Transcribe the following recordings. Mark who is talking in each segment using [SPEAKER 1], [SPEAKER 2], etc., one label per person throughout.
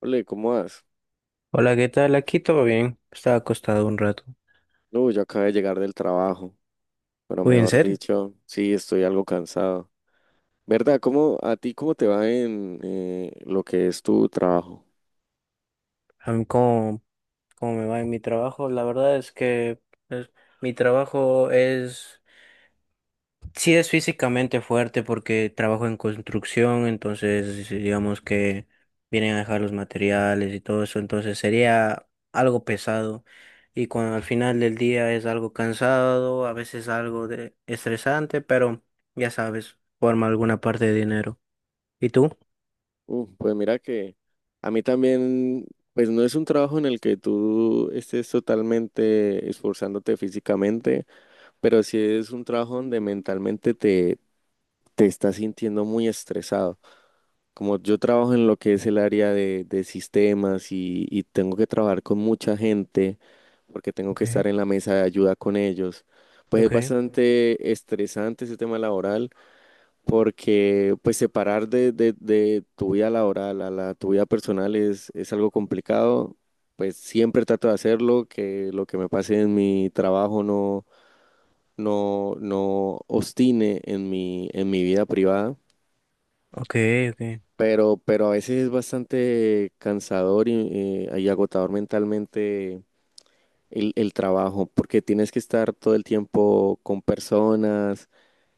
[SPEAKER 1] Ole, ¿cómo vas?
[SPEAKER 2] Hola, ¿qué tal? Aquí todo bien. Estaba acostado un rato.
[SPEAKER 1] No, yo acabo de llegar del trabajo, pero
[SPEAKER 2] Uy, ¿en
[SPEAKER 1] mejor
[SPEAKER 2] serio?
[SPEAKER 1] dicho, sí, estoy algo cansado. ¿Verdad? ¿Cómo, a ti cómo te va en lo que es tu trabajo?
[SPEAKER 2] A mí, ¿cómo me va en mi trabajo? La verdad es que pues, mi trabajo es, sí es físicamente fuerte porque trabajo en construcción, entonces digamos que vienen a dejar los materiales y todo eso, entonces sería algo pesado. Y cuando al final del día es algo cansado, a veces algo de estresante, pero ya sabes, forma alguna parte de dinero. ¿Y tú?
[SPEAKER 1] Pues mira que a mí también, pues no es un trabajo en el que tú estés totalmente esforzándote físicamente, pero sí es un trabajo donde mentalmente te estás sintiendo muy estresado. Como yo trabajo en lo que es el área de sistemas y tengo que trabajar con mucha gente porque tengo que
[SPEAKER 2] Ok,
[SPEAKER 1] estar en la mesa de ayuda con ellos, pues es
[SPEAKER 2] ok.
[SPEAKER 1] bastante estresante ese tema laboral, porque pues separar de tu vida laboral a la, tu vida personal es algo complicado. Pues siempre trato de hacerlo, que lo que me pase en mi trabajo no obstine en mi vida privada.
[SPEAKER 2] Ok, ok,
[SPEAKER 1] Pero a veces es bastante cansador y agotador mentalmente el trabajo, porque tienes que estar todo el tiempo con personas,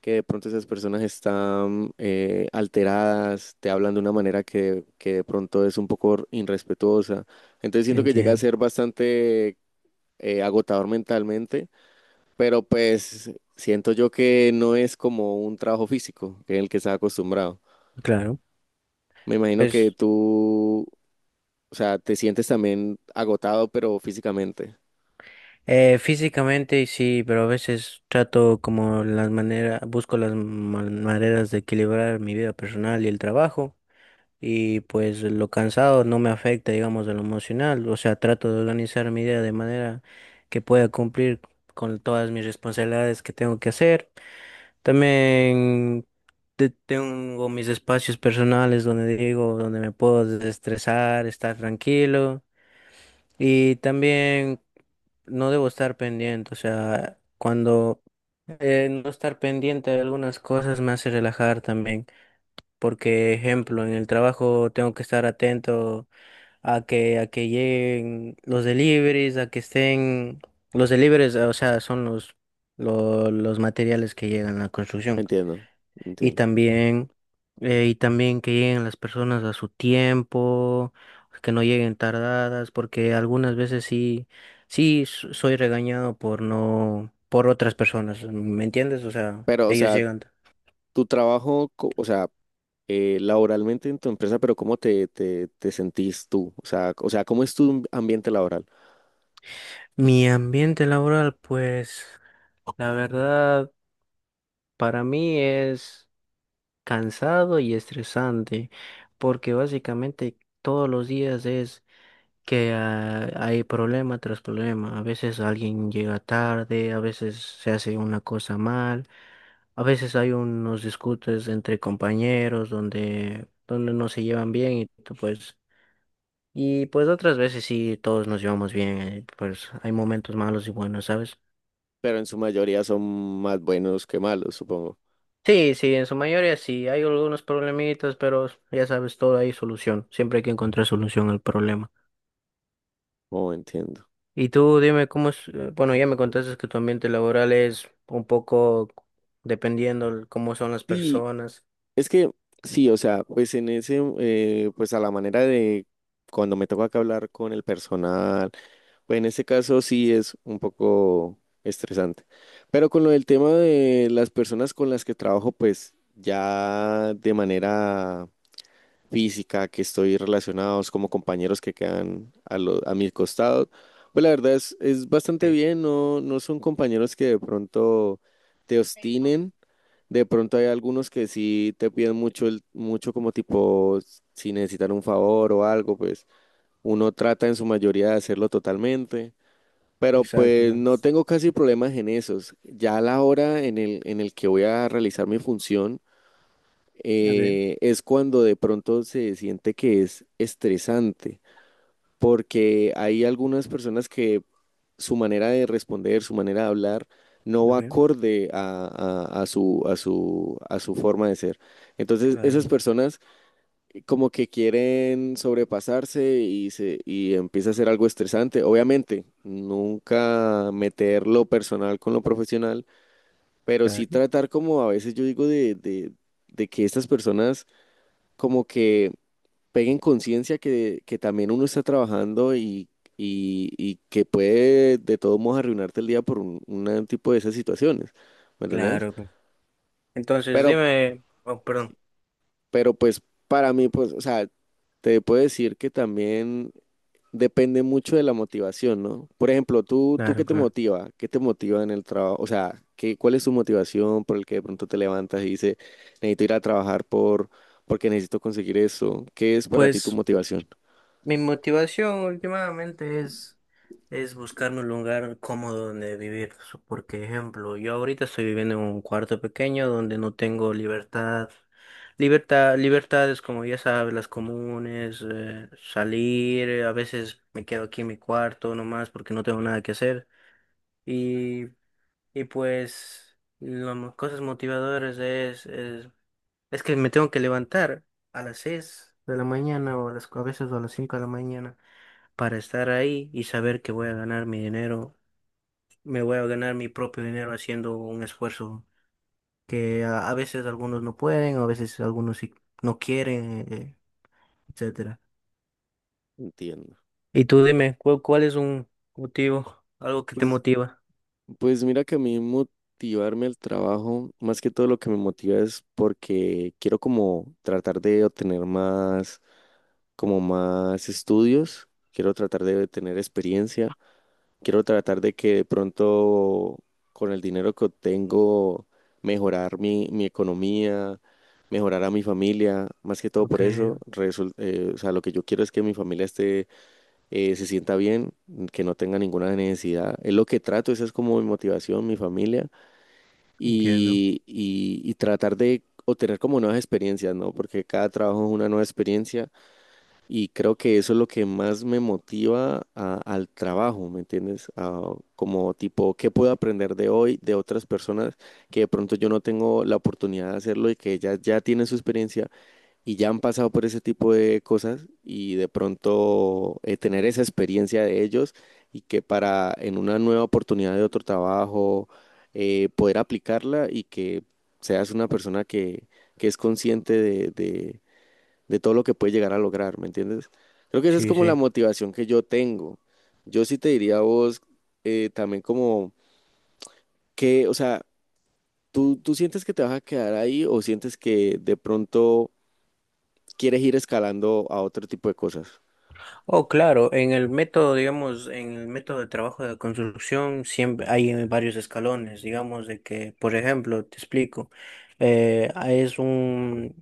[SPEAKER 1] que de pronto esas personas están alteradas, te hablan de una manera que de pronto es un poco irrespetuosa. Entonces siento que llega a
[SPEAKER 2] entiendo,
[SPEAKER 1] ser bastante agotador mentalmente, pero pues siento yo que no es como un trabajo físico en el que estás acostumbrado.
[SPEAKER 2] claro.
[SPEAKER 1] Me imagino que
[SPEAKER 2] Pues
[SPEAKER 1] tú, o sea, te sientes también agotado, pero físicamente.
[SPEAKER 2] físicamente sí, pero a veces trato como las maneras, busco las maneras de equilibrar mi vida personal y el trabajo, y pues lo cansado no me afecta, digamos, de lo emocional, o sea, trato de organizar mi vida de manera que pueda cumplir con todas mis responsabilidades que tengo que hacer. También tengo mis espacios personales donde digo, donde me puedo desestresar, estar tranquilo. Y también no debo estar pendiente, o sea, cuando no estar pendiente de algunas cosas me hace relajar también, porque ejemplo, en el trabajo tengo que estar atento a que lleguen los deliveries, a que estén los deliveries, o sea, son los los materiales que llegan a la construcción.
[SPEAKER 1] Entiendo,
[SPEAKER 2] Y
[SPEAKER 1] entiendo.
[SPEAKER 2] también, y también que lleguen las personas a su tiempo, que no lleguen tardadas, porque algunas veces sí, sí soy regañado por no, por otras personas, ¿me entiendes? O sea,
[SPEAKER 1] Pero, o
[SPEAKER 2] ellos
[SPEAKER 1] sea,
[SPEAKER 2] llegan.
[SPEAKER 1] tu trabajo, o sea, laboralmente en tu empresa, pero ¿cómo te sentís tú? O sea, ¿cómo es tu ambiente laboral?
[SPEAKER 2] Mi ambiente laboral, pues, la verdad, para mí es cansado y estresante, porque básicamente todos los días es que hay problema tras problema. A veces alguien llega tarde, a veces se hace una cosa mal, a veces hay unos discutes entre compañeros donde no se llevan bien y tú, pues, y pues otras veces sí todos nos llevamos bien, pues hay momentos malos y buenos, ¿sabes?
[SPEAKER 1] Pero en su mayoría son más buenos que malos, supongo.
[SPEAKER 2] Sí, sí, en su mayoría sí, hay algunos problemitas, pero ya sabes, todo hay solución, siempre hay que encontrar solución al problema.
[SPEAKER 1] Oh, entiendo.
[SPEAKER 2] Y tú dime cómo es, bueno, ya me contaste que tu ambiente laboral es un poco dependiendo cómo son las
[SPEAKER 1] Sí,
[SPEAKER 2] personas.
[SPEAKER 1] es que sí, o sea, pues en ese, pues a la manera de cuando me toca que hablar con el personal, pues en ese caso sí es un poco estresante. Pero con lo del tema de las personas con las que trabajo, pues ya de manera física, que estoy relacionados como compañeros que quedan a, a mi costado, pues la verdad es bastante
[SPEAKER 2] Sí.
[SPEAKER 1] bien, no, no son compañeros que de pronto te obstinen. De pronto hay algunos que sí te piden mucho, el, mucho como tipo, si necesitan un favor o algo, pues uno trata en su mayoría de hacerlo totalmente, pero
[SPEAKER 2] Exacto.
[SPEAKER 1] pues
[SPEAKER 2] ¿No?
[SPEAKER 1] no tengo casi problemas en esos. Ya a la hora en el que voy a realizar mi función,
[SPEAKER 2] Okay.
[SPEAKER 1] es cuando de pronto se siente que es estresante, porque hay algunas personas que su manera de responder, su manera de hablar, no va
[SPEAKER 2] Ok,
[SPEAKER 1] acorde a, a su, a su, a su forma de ser. Entonces, esas
[SPEAKER 2] claro,
[SPEAKER 1] personas como que quieren sobrepasarse y, se, y empieza a ser algo estresante. Obviamente, nunca meter lo personal con lo profesional, pero sí
[SPEAKER 2] claro,
[SPEAKER 1] tratar como a veces yo digo de que estas personas como que peguen conciencia que también uno está trabajando y que puede de todos modos arruinarte el día por un tipo de esas situaciones, ¿me entendés?
[SPEAKER 2] claro. Pues. Entonces,
[SPEAKER 1] Pero,
[SPEAKER 2] dime, oh, perdón.
[SPEAKER 1] pero pues para mí, pues, o sea, te puedo decir que también depende mucho de la motivación, ¿no? Por ejemplo, ¿tú qué
[SPEAKER 2] Claro,
[SPEAKER 1] te
[SPEAKER 2] claro.
[SPEAKER 1] motiva? ¿Qué te motiva en el trabajo? O sea, ¿qué, cuál es tu motivación por el que de pronto te levantas y dices, necesito ir a trabajar porque necesito conseguir eso? ¿Qué es para ti tu
[SPEAKER 2] Pues
[SPEAKER 1] motivación?
[SPEAKER 2] mi motivación últimamente es buscarme un lugar cómodo donde vivir. So, por ejemplo, yo ahorita estoy viviendo en un cuarto pequeño donde no tengo libertad. Libertad, libertades como ya sabes, las comunes, salir, a veces me quedo aquí en mi cuarto nomás porque no tengo nada que hacer. Y, y pues las cosas motivadoras es que me tengo que levantar a las 6 de la mañana o a las, a veces a las 5 de la mañana para estar ahí y saber que voy a ganar mi dinero, me voy a ganar mi propio dinero haciendo un esfuerzo que a veces algunos no pueden, a veces algunos sí no quieren, etcétera.
[SPEAKER 1] Entiendo.
[SPEAKER 2] Y tú dime, ¿cuál, cuál es un motivo, algo que te
[SPEAKER 1] Pues,
[SPEAKER 2] motiva?
[SPEAKER 1] pues mira que a mí motivarme al trabajo, más que todo lo que me motiva es porque quiero como tratar de obtener más, como más estudios, quiero tratar de tener experiencia, quiero tratar de que de pronto con el dinero que obtengo mejorar mi economía, mejorar a mi familia, más que todo
[SPEAKER 2] Ok,
[SPEAKER 1] por eso, o sea, lo que yo quiero es que mi familia esté, se sienta bien, que no tenga ninguna necesidad. Es lo que trato, esa es como mi motivación, mi familia,
[SPEAKER 2] entiendo.
[SPEAKER 1] y tratar de obtener como nuevas experiencias, ¿no? Porque cada trabajo es una nueva experiencia y creo que eso es lo que más me motiva al trabajo, ¿me entiendes? A como tipo, ¿qué puedo aprender de hoy de otras personas que de pronto yo no tengo la oportunidad de hacerlo y que ellas ya tienen su experiencia? Y ya han pasado por ese tipo de cosas y de pronto tener esa experiencia de ellos y que para en una nueva oportunidad de otro trabajo poder aplicarla y que seas una persona que es consciente de todo lo que puede llegar a lograr, ¿me entiendes? Creo que esa es
[SPEAKER 2] Sí,
[SPEAKER 1] como la
[SPEAKER 2] sí.
[SPEAKER 1] motivación que yo tengo. Yo sí te diría a vos, también como que, o sea, ¿tú sientes que te vas a quedar ahí o sientes que de pronto quieres ir escalando a otro tipo de cosas?
[SPEAKER 2] Oh, claro, en el método, digamos, en el método de trabajo de construcción siempre hay varios escalones, digamos, de que, por ejemplo, te explico, es un,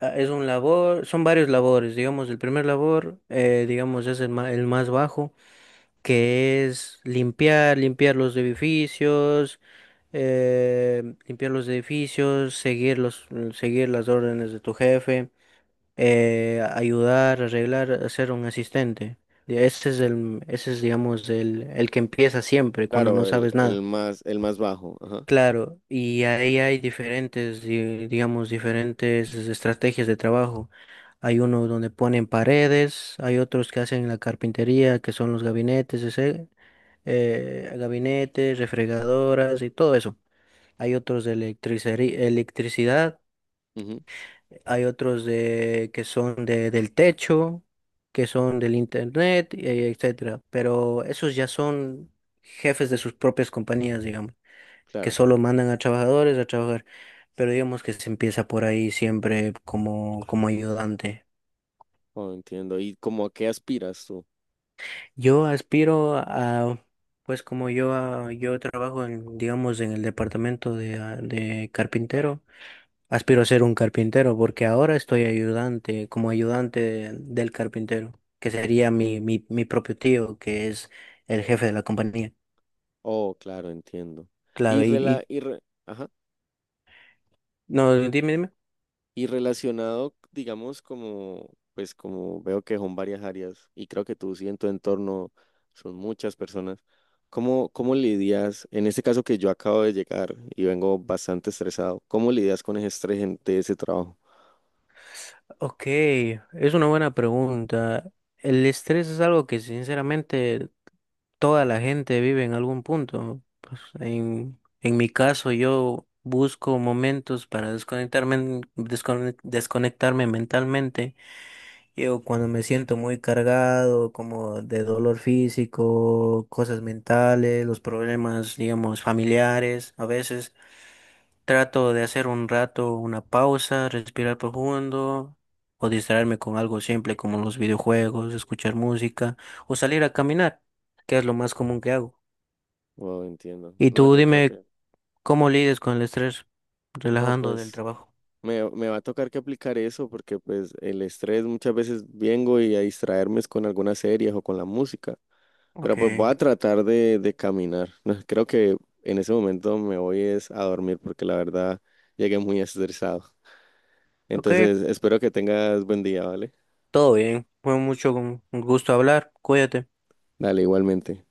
[SPEAKER 2] ah, es un labor, son varios labores, digamos, el primer labor, digamos, es el el más bajo, que es limpiar, limpiar los edificios, seguir las órdenes de tu jefe, ayudar, arreglar, hacer un asistente. Y ese es el, ese es, digamos, el que empieza siempre cuando no
[SPEAKER 1] Claro,
[SPEAKER 2] sabes nada.
[SPEAKER 1] el más bajo. Ajá.
[SPEAKER 2] Claro, y ahí hay diferentes, digamos, diferentes estrategias de trabajo. Hay uno donde ponen paredes, hay otros que hacen la carpintería, que son los gabinetes, ese, gabinetes, refrigeradoras y todo eso. Hay otros de electricidad.
[SPEAKER 1] Ujú,
[SPEAKER 2] Hay otros de, que son de, del techo, que son del internet, etcétera. Pero esos ya son jefes de sus propias compañías, digamos, que
[SPEAKER 1] claro.
[SPEAKER 2] solo mandan a trabajadores a trabajar. Pero digamos que se empieza por ahí siempre como, como ayudante.
[SPEAKER 1] Oh, entiendo. ¿Y cómo a qué aspiras tú?
[SPEAKER 2] Yo aspiro a, pues como yo, a- yo trabajo en, digamos, en el departamento de, de carpintero. Aspiro a ser un carpintero porque ahora estoy ayudante, como ayudante del carpintero, que sería mi, mi, mi propio tío, que es el jefe de la compañía.
[SPEAKER 1] Oh, claro, entiendo. Y
[SPEAKER 2] Claro,
[SPEAKER 1] rela,
[SPEAKER 2] y-
[SPEAKER 1] ajá.
[SPEAKER 2] no, dime, dime.
[SPEAKER 1] Y relacionado, digamos, como, pues como veo que son varias áreas y creo que tú sí en tu entorno son muchas personas, ¿cómo, cómo lidias, en este caso que yo acabo de llegar y vengo bastante estresado, ¿cómo lidias con ese estrés de ese trabajo?
[SPEAKER 2] Ok, es una buena pregunta. El estrés es algo que sinceramente toda la gente vive en algún punto. Pues, en mi caso, yo busco momentos para desconectarme, desconectarme mentalmente. Yo cuando me siento muy cargado, como de dolor físico, cosas mentales, los problemas, digamos, familiares, a veces trato de hacer un rato una pausa, respirar profundo o distraerme con algo simple como los videojuegos, escuchar música o salir a caminar, que es lo más común que hago.
[SPEAKER 1] Wow, entiendo.
[SPEAKER 2] Y
[SPEAKER 1] No,
[SPEAKER 2] tú
[SPEAKER 1] yo creo
[SPEAKER 2] dime
[SPEAKER 1] que,
[SPEAKER 2] cómo lides con el estrés
[SPEAKER 1] no,
[SPEAKER 2] relajando del
[SPEAKER 1] pues...
[SPEAKER 2] trabajo.
[SPEAKER 1] Me va a tocar que aplicar eso porque pues el estrés muchas veces vengo y a distraerme es con algunas series o con la música, pero
[SPEAKER 2] Ok,
[SPEAKER 1] pues voy a tratar de caminar. Creo que en ese momento me voy es a dormir porque la verdad llegué muy estresado.
[SPEAKER 2] ok,
[SPEAKER 1] Entonces espero que tengas buen día, ¿vale?
[SPEAKER 2] todo bien. Fue mucho un gusto hablar. Cuídate.
[SPEAKER 1] Dale, igualmente.